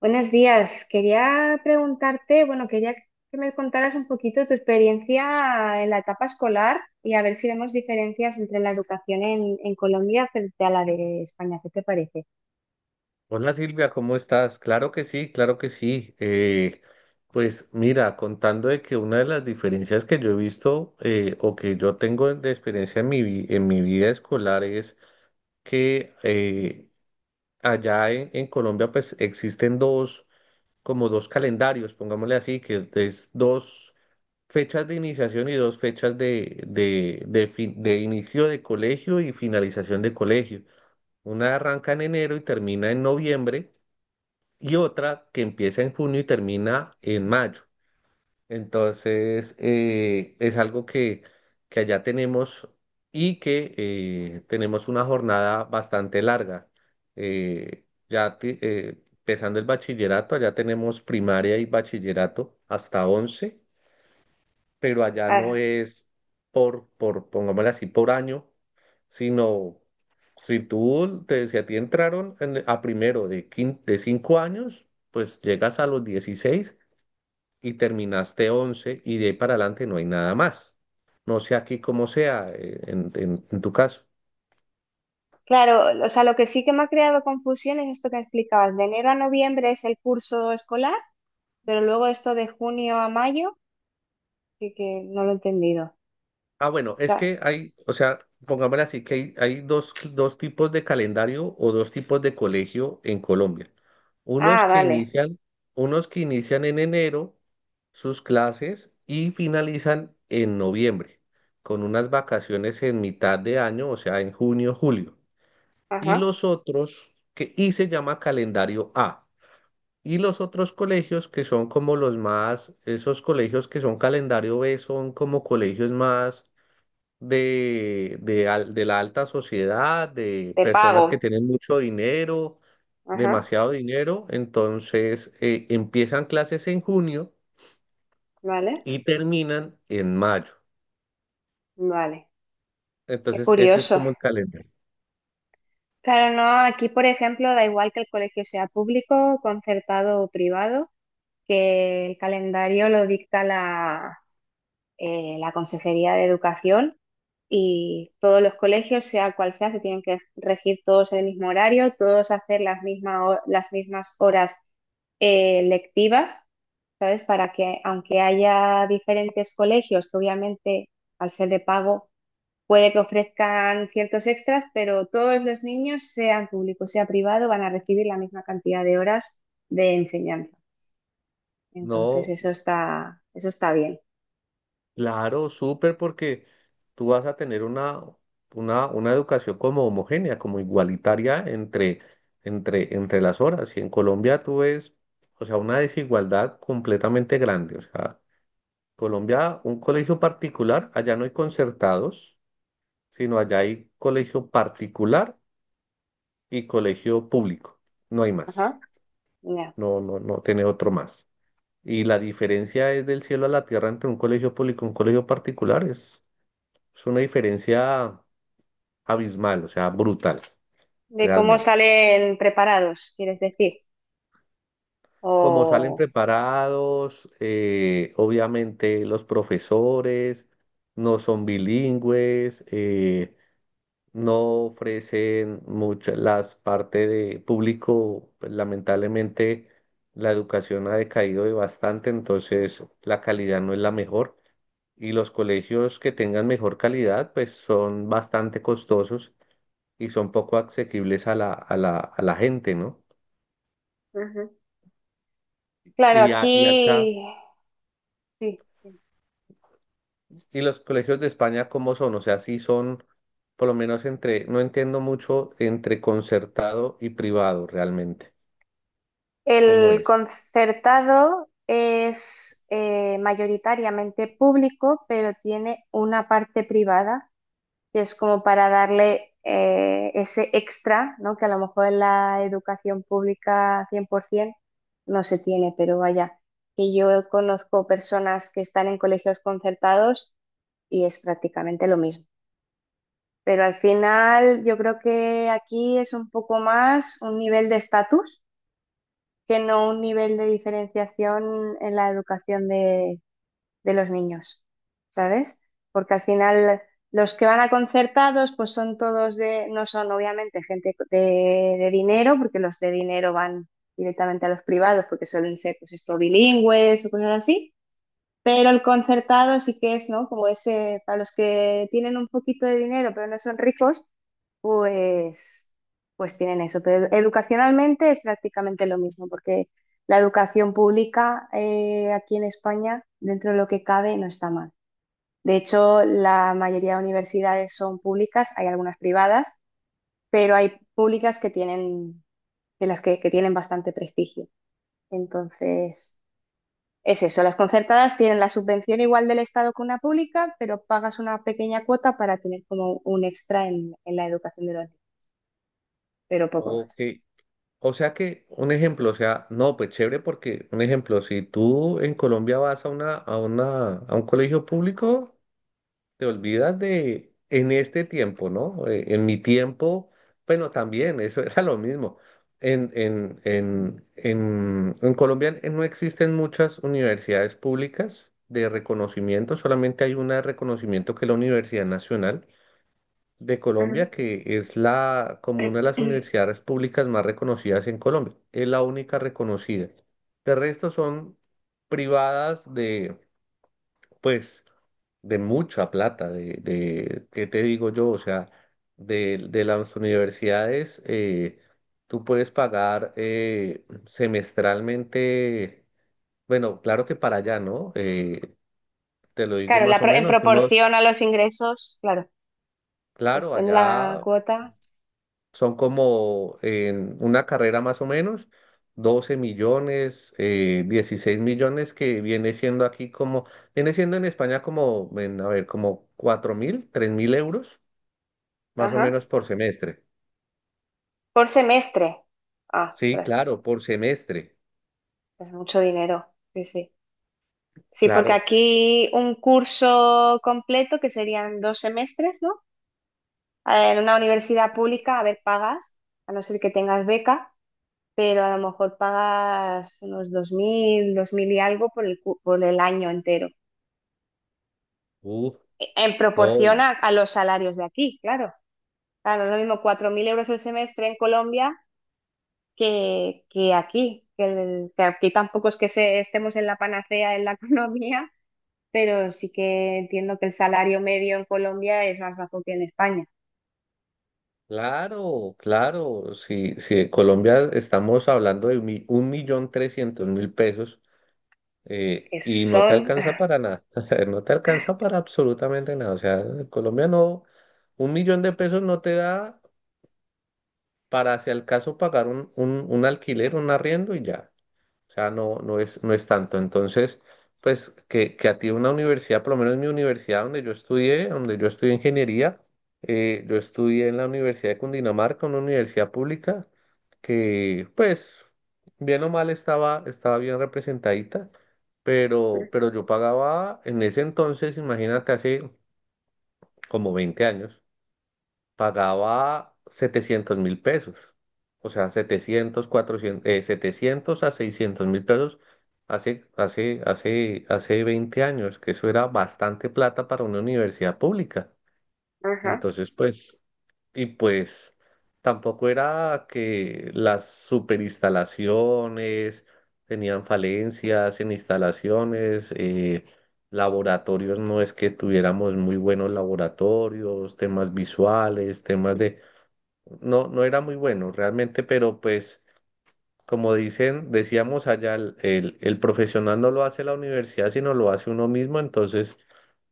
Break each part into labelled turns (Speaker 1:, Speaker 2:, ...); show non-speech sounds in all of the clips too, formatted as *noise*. Speaker 1: Buenos días. Quería preguntarte, bueno, quería que me contaras un poquito tu experiencia en la etapa escolar y a ver si vemos diferencias entre la educación en Colombia frente a la de España. ¿Qué te parece?
Speaker 2: Hola Silvia, ¿cómo estás? Claro que sí, claro que sí. Pues mira, contando de que una de las diferencias que yo he visto o que yo tengo de experiencia en mi vida escolar es que allá en Colombia pues existen como dos calendarios, pongámosle así, que es dos fechas de iniciación y dos fechas de inicio de colegio y finalización de colegio. Una arranca en enero y termina en noviembre y otra que empieza en junio y termina en mayo. Entonces, es algo que allá tenemos y que tenemos una jornada bastante larga. Empezando el bachillerato, allá tenemos primaria y bachillerato hasta 11, pero allá no
Speaker 1: Ah,
Speaker 2: es pongámosle así, por año, sino si a ti entraron a primero de 5 años, pues llegas a los 16 y terminaste 11 y de ahí para adelante no hay nada más. No sé aquí cómo sea en tu caso.
Speaker 1: claro, o sea, lo que sí que me ha creado confusión es esto que explicabas. De enero a noviembre es el curso escolar, pero luego esto de junio a mayo, que no lo he entendido. O
Speaker 2: Ah, bueno, es
Speaker 1: sea,
Speaker 2: que hay, o sea, pongámoslo así, que hay dos, dos tipos de calendario o dos tipos de colegio en Colombia. Unos
Speaker 1: ah,
Speaker 2: que
Speaker 1: vale.
Speaker 2: inician, unos que inician en enero sus clases y finalizan en noviembre, con unas vacaciones en mitad de año, o sea, en junio, julio. Y
Speaker 1: Ajá.
Speaker 2: los otros, que, y se llama calendario A. Y los otros colegios que son como los más, esos colegios que son calendario B son como colegios más de la alta sociedad, de
Speaker 1: De
Speaker 2: personas
Speaker 1: pago.
Speaker 2: que tienen mucho dinero,
Speaker 1: Ajá.
Speaker 2: demasiado dinero, entonces empiezan clases en junio
Speaker 1: Vale.
Speaker 2: y terminan en mayo.
Speaker 1: Vale. Qué
Speaker 2: Entonces ese es
Speaker 1: curioso.
Speaker 2: como el calendario.
Speaker 1: Claro, no, aquí por ejemplo da igual que el colegio sea público, concertado o privado, que el calendario lo dicta la Consejería de Educación y todos los colegios, sea cual sea, se tienen que regir todos el mismo horario, todos hacer las mismas horas lectivas, ¿sabes? Para que aunque haya diferentes colegios, que obviamente al ser de pago puede que ofrezcan ciertos extras, pero todos los niños, sean público, sea privado, van a recibir la misma cantidad de horas de enseñanza. Entonces,
Speaker 2: No,
Speaker 1: eso está bien.
Speaker 2: claro, súper porque tú vas a tener una educación como homogénea, como igualitaria entre las horas. Y en Colombia tú ves, o sea, una desigualdad completamente grande. O sea, Colombia, un colegio particular, allá no hay concertados, sino allá hay colegio particular y colegio público. No hay más.
Speaker 1: Ajá. Ya.
Speaker 2: No, no, no tiene otro más. Y la diferencia es del cielo a la tierra entre un colegio público y un colegio particular. Es una diferencia abismal, o sea, brutal,
Speaker 1: De cómo
Speaker 2: realmente.
Speaker 1: salen preparados, quieres decir.
Speaker 2: Como salen
Speaker 1: O
Speaker 2: preparados, obviamente los profesores no son bilingües. No ofrecen muchas las partes de público, pues, lamentablemente la educación ha decaído de bastante, entonces la calidad no es la mejor y los colegios que tengan mejor calidad pues son bastante costosos y son poco asequibles a la gente, ¿no?
Speaker 1: Ujú. Claro,
Speaker 2: Y acá,
Speaker 1: aquí sí.
Speaker 2: ¿y los colegios de España cómo son? O sea, sí son, por lo menos entre, no entiendo mucho entre concertado y privado realmente, ¿cómo
Speaker 1: El
Speaker 2: es?
Speaker 1: concertado es mayoritariamente público, pero tiene una parte privada que es como para darle ese extra, ¿no? Que a lo mejor en la educación pública 100% no se tiene, pero vaya, que yo conozco personas que están en colegios concertados y es prácticamente lo mismo. Pero al final yo creo que aquí es un poco más un nivel de estatus que no un nivel de diferenciación en la educación de los niños, ¿sabes? Porque al final los que van a concertados, pues son todos de, no son obviamente gente de dinero, porque los de dinero van directamente a los privados, porque suelen ser, pues esto, bilingües o cosas así. Pero el concertado sí que es, ¿no? Como ese, para los que tienen un poquito de dinero, pero no son ricos, pues, pues tienen eso, pero educacionalmente es prácticamente lo mismo, porque la educación pública aquí en España, dentro de lo que cabe, no está mal. De hecho, la mayoría de universidades son públicas, hay algunas privadas, pero hay públicas que tienen, de las que tienen bastante prestigio. Entonces, es eso, las concertadas tienen la subvención igual del Estado que una pública, pero pagas una pequeña cuota para tener como un extra en la educación de los niños, pero poco
Speaker 2: Ok, o sea que, un ejemplo, o sea, no, pues chévere porque, un ejemplo, si tú en Colombia vas a un colegio público, te olvidas de en este tiempo, ¿no? En mi tiempo, bueno, también, eso *laughs* era lo mismo. En Colombia no existen muchas universidades públicas de reconocimiento, solamente hay una de reconocimiento que es la Universidad Nacional de
Speaker 1: más.
Speaker 2: Colombia, que es la, como una de las universidades públicas más reconocidas en Colombia. Es la única reconocida. De resto son privadas de, pues, de mucha plata, de, ¿qué te digo yo? O sea, de las universidades, tú puedes pagar semestralmente, bueno, claro que para allá, ¿no? Te lo digo
Speaker 1: Claro,
Speaker 2: más o
Speaker 1: en
Speaker 2: menos, unos,
Speaker 1: proporción a los ingresos, claro,
Speaker 2: claro,
Speaker 1: depende la
Speaker 2: allá
Speaker 1: cuota.
Speaker 2: son como en una carrera más o menos, 12 millones, 16 millones, que viene siendo aquí como, viene siendo en España como, en, a ver, como 4000, 3000 euros, más o
Speaker 1: Ajá.
Speaker 2: menos por semestre.
Speaker 1: Por semestre. Ah,
Speaker 2: Sí,
Speaker 1: ostras,
Speaker 2: claro, por semestre,
Speaker 1: es mucho dinero. Sí, sí. Sí, porque
Speaker 2: claro.
Speaker 1: aquí un curso completo, que serían dos semestres, ¿no? En una universidad pública, a ver, pagas, a no ser que tengas beca, pero a lo mejor pagas unos dos mil, dos mil y algo por por el año entero.
Speaker 2: Uf,
Speaker 1: En
Speaker 2: no,
Speaker 1: proporción
Speaker 2: y
Speaker 1: a los salarios de aquí, claro. Claro, no es lo mismo 4.000 euros el semestre en Colombia que aquí, que aquí tampoco es que estemos en la panacea en la *laughs* economía, pero sí que entiendo que el salario medio en Colombia es más bajo que en España,
Speaker 2: claro, claro. Si en Colombia estamos hablando de 1.300.000 pesos
Speaker 1: que
Speaker 2: y no te
Speaker 1: son...
Speaker 2: alcanza para nada, *laughs* no te alcanza para absolutamente nada. O sea, en Colombia no, 1.000.000 de pesos no te da para, si al caso, pagar un alquiler, un arriendo y ya. O sea, no, no es, no es tanto. Entonces, pues que a ti una universidad, por lo menos mi universidad donde yo estudié ingeniería, yo estudié en la Universidad de Cundinamarca, una universidad pública, que pues bien o mal estaba, estaba bien representadita,
Speaker 1: *laughs*
Speaker 2: pero yo pagaba en ese entonces, imagínate, hace como 20 años, pagaba 700.000 pesos. O sea, 700 400 700 a 600.000 pesos hace 20 años, que eso era bastante plata para una universidad pública.
Speaker 1: Ajá,
Speaker 2: Entonces, pues, y pues tampoco era que las superinstalaciones tenían falencias en instalaciones, laboratorios no es que tuviéramos muy buenos laboratorios, temas visuales, temas de... No, no era muy bueno realmente, pero pues como dicen, decíamos allá, el profesional no lo hace la universidad, sino lo hace uno mismo, entonces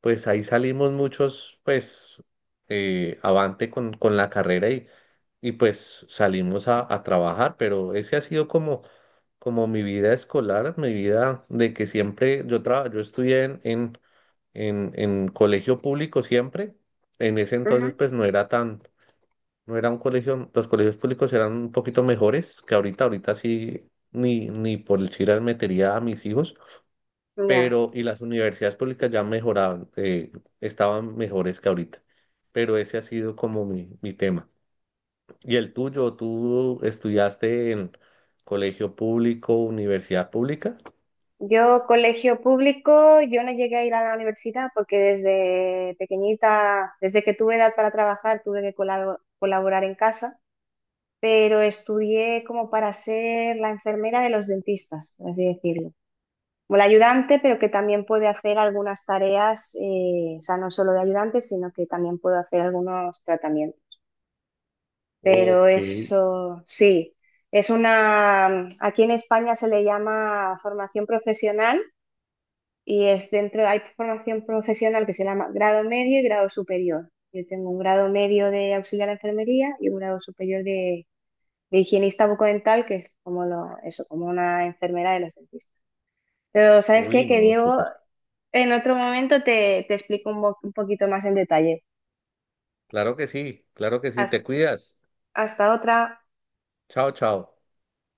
Speaker 2: pues ahí salimos muchos pues avante con la carrera y pues salimos a trabajar, pero ese ha sido como, como mi vida escolar, mi vida de que siempre yo traba- yo estudié en, en colegio público siempre, en ese
Speaker 1: ajá,
Speaker 2: entonces pues no era tan no era un colegio, los colegios públicos eran un poquito mejores que ahorita, ahorita sí, ni por el chiral metería a mis hijos,
Speaker 1: ya.
Speaker 2: pero y las universidades públicas ya mejoraban, estaban mejores que ahorita, pero ese ha sido como mi tema. ¿Y el tuyo? ¿Tú estudiaste en colegio público, universidad pública?
Speaker 1: Yo, colegio público, yo no llegué a ir a la universidad porque desde pequeñita, desde que tuve edad para trabajar, tuve que colaborar en casa. Pero estudié como para ser la enfermera de los dentistas, por así decirlo. Como la ayudante, pero que también puede hacer algunas tareas, o sea, no solo de ayudante, sino que también puedo hacer algunos tratamientos. Pero
Speaker 2: Ok,
Speaker 1: eso sí, es una, aquí en España se le llama formación profesional y es dentro, hay formación profesional que se llama grado medio y grado superior. Yo tengo un grado medio de auxiliar de enfermería y un grado superior de higienista bucodental, que es como lo, eso, como una enfermera de los dentistas. Pero ¿sabes
Speaker 2: uy,
Speaker 1: qué? Que
Speaker 2: no,
Speaker 1: Diego,
Speaker 2: súper.
Speaker 1: en otro momento te explico un poquito más en detalle.
Speaker 2: Claro que sí,
Speaker 1: Hasta,
Speaker 2: te cuidas.
Speaker 1: hasta otra.
Speaker 2: Chao, chao.